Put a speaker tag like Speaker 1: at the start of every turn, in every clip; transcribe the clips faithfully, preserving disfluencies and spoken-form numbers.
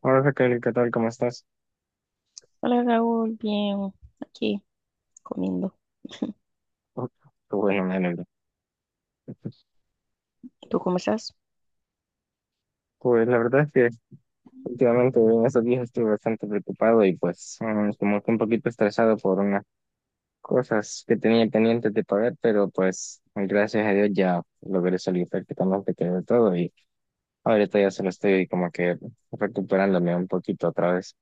Speaker 1: Hola Raquel, ¿qué tal? ¿Cómo estás?
Speaker 2: Hola Raúl, bien, aquí comiendo.
Speaker 1: Oh, qué bueno, me alegro.
Speaker 2: ¿Tú cómo estás?
Speaker 1: Pues la verdad es que últimamente en estos días estuve bastante preocupado y pues mm, como que un poquito estresado por unas cosas que tenía pendientes de pagar, pero pues gracias a Dios ya logré salir prácticamente que de todo y ahorita ya solo estoy como que recuperándome un poquito otra vez.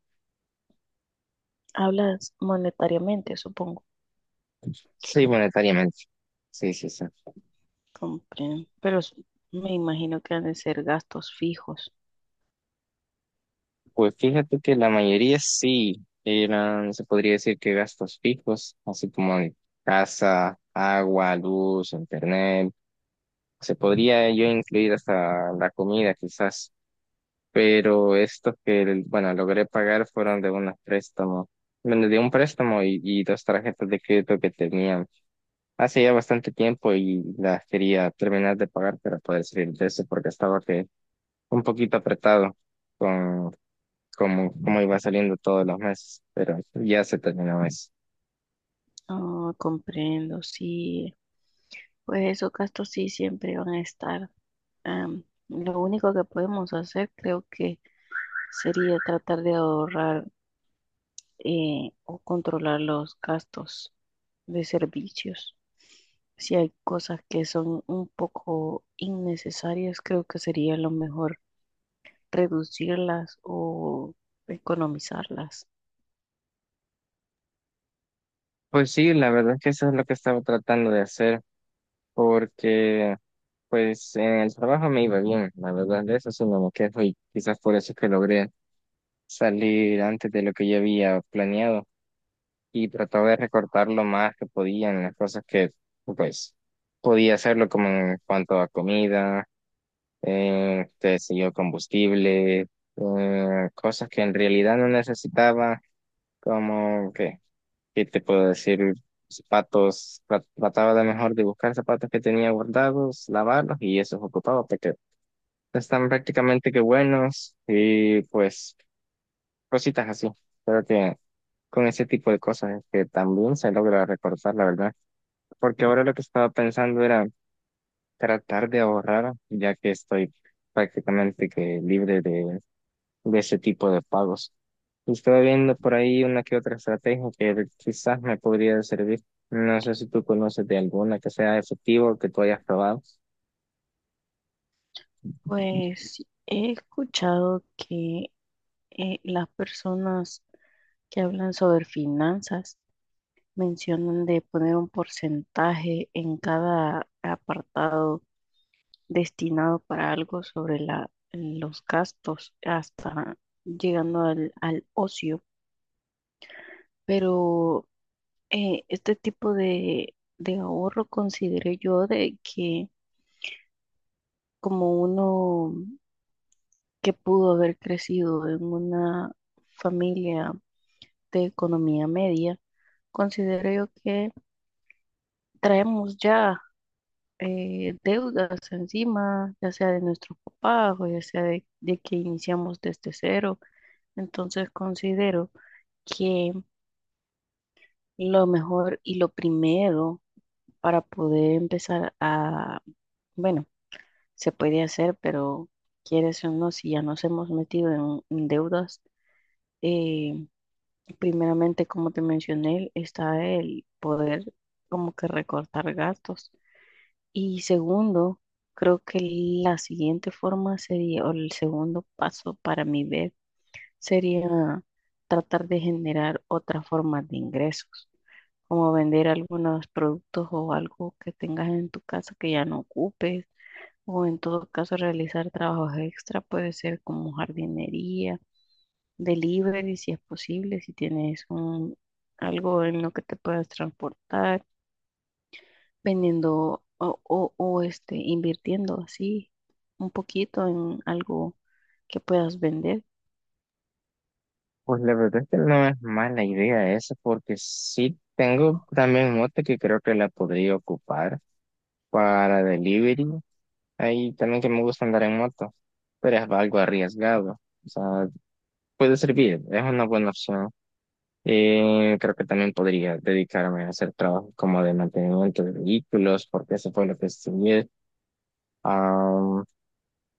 Speaker 2: Hablas monetariamente, supongo.
Speaker 1: Sí, monetariamente. Sí, sí, sí.
Speaker 2: Comprendo. Pero s- me imagino que han de ser gastos fijos.
Speaker 1: Pues fíjate que la mayoría sí eran, se podría decir que gastos fijos, así como de casa, agua, luz, internet. Se podría yo incluir hasta la comida quizás, pero estos que, bueno, logré pagar fueron de un préstamo, bueno, de un préstamo y, y dos tarjetas de crédito que tenían hace ya bastante tiempo y las quería terminar de pagar para poder salir de eso porque estaba que un poquito apretado como, como iba saliendo todos los meses, pero ya se terminó eso.
Speaker 2: Ah, comprendo, sí. Pues esos gastos sí siempre van a estar. Am, lo único que podemos hacer creo que sería tratar de ahorrar eh, o controlar los gastos de servicios. Si hay cosas que son un poco innecesarias, creo que sería lo mejor reducirlas o economizarlas.
Speaker 1: Pues sí, la verdad es que eso es lo que estaba tratando de hacer, porque pues en el trabajo me iba bien, la verdad, de eso sí no me quejo y quizás por eso es que logré salir antes de lo que yo había planeado y trataba de recortar lo más que podía en las cosas que pues podía hacerlo como en cuanto a comida, eh, qué sé yo, combustible, eh, cosas que en realidad no necesitaba. Como que, ¿qué te puedo decir? Zapatos, tra- trataba de mejor de buscar zapatos que tenía guardados, lavarlos y esos ocupaba porque están prácticamente que buenos y pues cositas así. Creo que con ese tipo de cosas es que también se logra recortar, la verdad. Porque ahora lo que estaba pensando era tratar de ahorrar, ya que estoy prácticamente que libre de de ese tipo de pagos. Y estoy viendo por ahí una que otra estrategia que quizás me podría servir. No sé si tú conoces de alguna que sea efectiva o que tú hayas probado.
Speaker 2: Pues he escuchado que eh, las personas que hablan sobre finanzas mencionan de poner un porcentaje en cada apartado destinado para algo sobre la, los gastos, hasta llegando al al ocio, pero eh, este tipo de, de ahorro consideré yo de que como uno que pudo haber crecido en una familia de economía media, considero yo que traemos ya eh, deudas encima, ya sea de nuestros papás o ya sea de, de que iniciamos desde cero. Entonces considero que lo mejor y lo primero para poder empezar a, bueno, se puede hacer, pero quieres o no, si ya nos hemos metido en, en deudas, eh, primeramente, como te mencioné, está el poder como que recortar gastos. Y segundo, creo que la siguiente forma sería, o el segundo paso para mi ver, sería tratar de generar otra forma de ingresos, como vender algunos productos o algo que tengas en tu casa que ya no ocupes o en todo caso realizar trabajos extra, puede ser como jardinería, delivery si es posible, si tienes un, algo en lo que te puedas transportar, vendiendo o, o, o este, invirtiendo así un poquito en algo que puedas vender.
Speaker 1: Pues la verdad es que no es mala idea esa, porque sí tengo también moto que creo que la podría ocupar para delivery. Ahí también que me gusta andar en moto, pero es algo arriesgado. O sea, puede servir, es una buena opción. Eh, creo que también podría dedicarme a hacer trabajos como de mantenimiento de vehículos, porque eso fue lo que estudié. Am,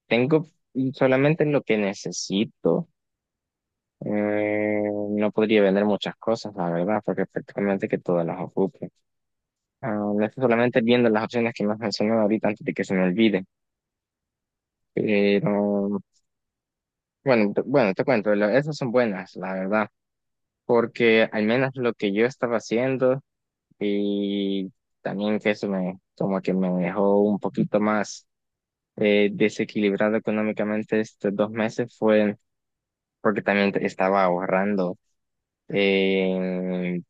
Speaker 1: tengo solamente lo que necesito. Eh, no podría vender muchas cosas, la verdad, porque prácticamente que todas las ocupo. Am, estoy solamente viendo las opciones que me has mencionado ahorita antes de que se me olvide. Pero bueno, te- bueno, te cuento, lo- esas son buenas, la verdad, porque al menos lo que yo estaba haciendo. Y también que eso me, como que me dejó un poquito más eh, desequilibrado económicamente estos dos meses fue porque también te- estaba ahorrando. Eh,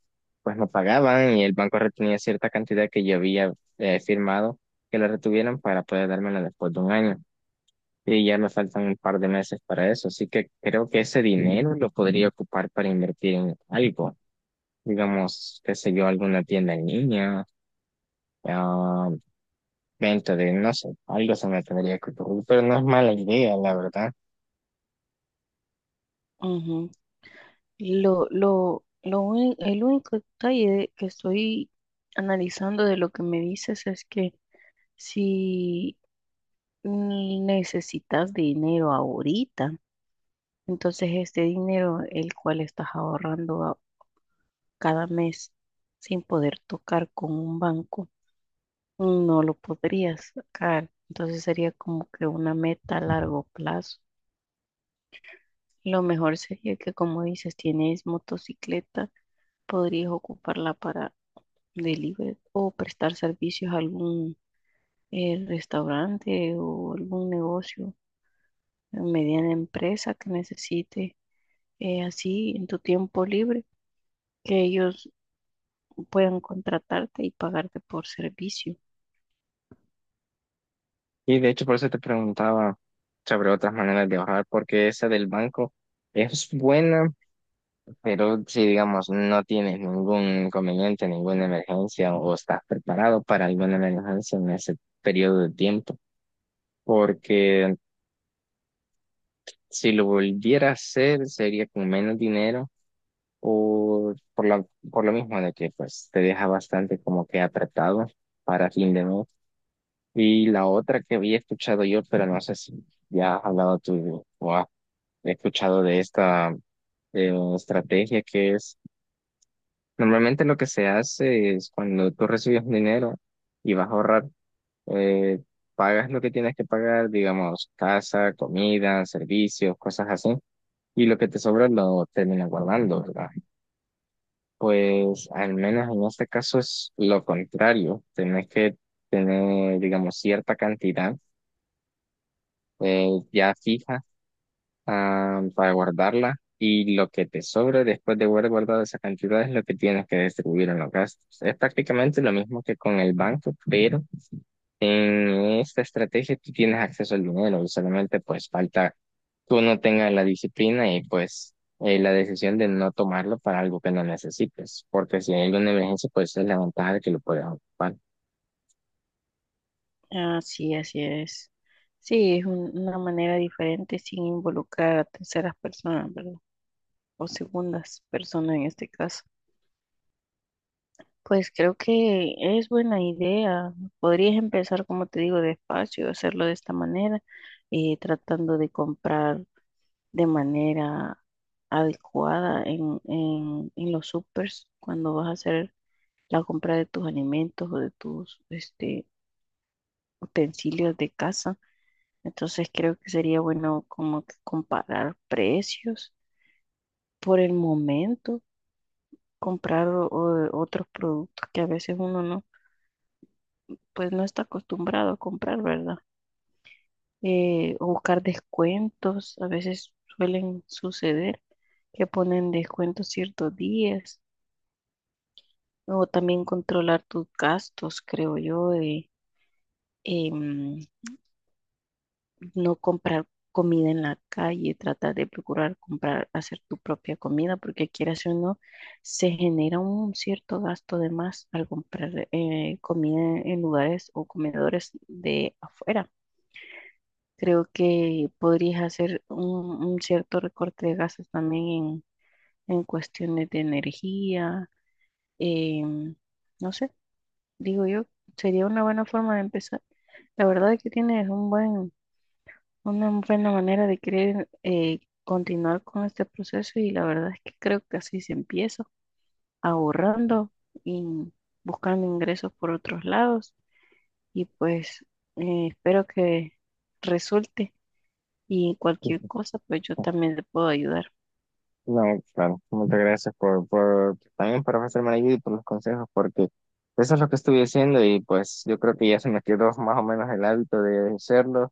Speaker 1: pues me pagaban y el banco retenía cierta cantidad que yo había eh, firmado que la retuvieran para poder dármela después de un año. Y ya me faltan un par de meses para eso. Así que creo que ese dinero lo podría ocupar para invertir en algo. Digamos, qué sé yo, alguna tienda en línea, ah, venta de, no sé, algo se me tendría que ocurrir, pero no es mala idea, la verdad.
Speaker 2: Ujú. Lo, lo, lo uni- el único detalle que estoy analizando de lo que me dices es que si necesitas dinero ahorita, entonces, este dinero, el cual estás ahorrando a- cada mes sin poder tocar con un banco, no lo podrías sacar. Entonces, sería como que una meta a largo plazo. Lo mejor sería que, como dices, tienes motocicleta, podrías ocuparla para delivery o prestar servicios a algún eh, restaurante o algún negocio, eh, mediana empresa que necesite eh, así en tu tiempo libre que ellos puedan contratarte y pagarte por servicio.
Speaker 1: Y de hecho por eso te preguntaba sobre otras maneras de ahorrar porque esa del banco es buena, pero si digamos no tienes ningún inconveniente, ninguna emergencia o estás preparado para alguna emergencia en ese periodo de tiempo, porque si lo volviera a hacer sería con menos dinero o por lo, por lo mismo de que pues te deja bastante como que apretado para fin de mes. Y la otra que había escuchado yo, pero no sé si ya has hablado tú o has escuchado de esta eh, estrategia que es, normalmente lo que se hace es cuando tú recibes un dinero y vas a ahorrar, eh, pagas lo que tienes que pagar, digamos, casa, comida, servicios, cosas así, y lo que te sobra lo terminas guardando, ¿verdad? Pues al menos en este caso es lo contrario, tenés que tener, digamos, cierta cantidad eh, ya fija ah, para guardarla y lo que te sobre después de haber guardado esa cantidad es lo que tienes que distribuir en los gastos. Es prácticamente lo mismo que con el banco, pero en esta estrategia tú tienes acceso al dinero, y solamente pues falta que uno tenga la disciplina y pues eh, la decisión de no tomarlo para algo que no necesites, porque si hay alguna emergencia pues es la ventaja de que lo puedes ocupar.
Speaker 2: Así, así es. Sí, es un- una manera diferente sin involucrar a terceras personas, ¿verdad? O segundas personas en este caso. Pues creo que es buena idea. Podrías empezar, como te digo, despacio, hacerlo de esta manera, eh, tratando de comprar de manera adecuada en, en, en los supers cuando vas a hacer la compra de tus alimentos o de tus este, utensilios de casa. Entonces creo que sería bueno como que comparar precios por el momento, comprar o- o- otros productos que a veces uno no, pues no está acostumbrado a comprar, ¿verdad? Eh, o buscar descuentos, a veces suelen suceder que ponen descuentos ciertos días, o también controlar tus gastos, creo yo, de, em, no comprar comida en la calle, tratar de procurar comprar, hacer tu propia comida, porque quieras o no, se genera un cierto gasto de más al comprar eh, comida en lugares o comedores de afuera. Creo que podrías hacer un, un cierto recorte de gastos también en, en cuestiones de energía, em, no sé, digo yo, sería una buena forma de empezar. La verdad es que tienes un buen. Una buena manera de querer eh, continuar con este proceso y la verdad es que creo que así se empieza, ahorrando y buscando ingresos por otros lados y pues eh, espero que resulte y cualquier cosa pues yo también le puedo ayudar.
Speaker 1: No, claro, muchas gracias por, por también por ofrecerme la ayuda y por los consejos, porque eso es lo que estuve haciendo y pues yo creo que ya se me quedó más o menos el hábito de hacerlo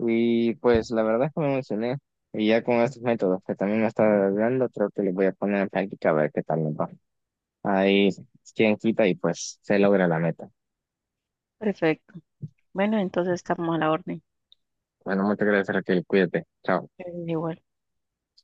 Speaker 1: y pues la verdad es que me emocioné y ya con estos métodos que también me está dando, creo que les voy a poner en práctica a ver qué tal me va. Ahí quien quita y pues se logra la meta.
Speaker 2: Perfecto. Bueno, entonces estamos a la orden.
Speaker 1: Bueno, muchas gracias, Raquel, cuídate, chao.
Speaker 2: Eh, Igual.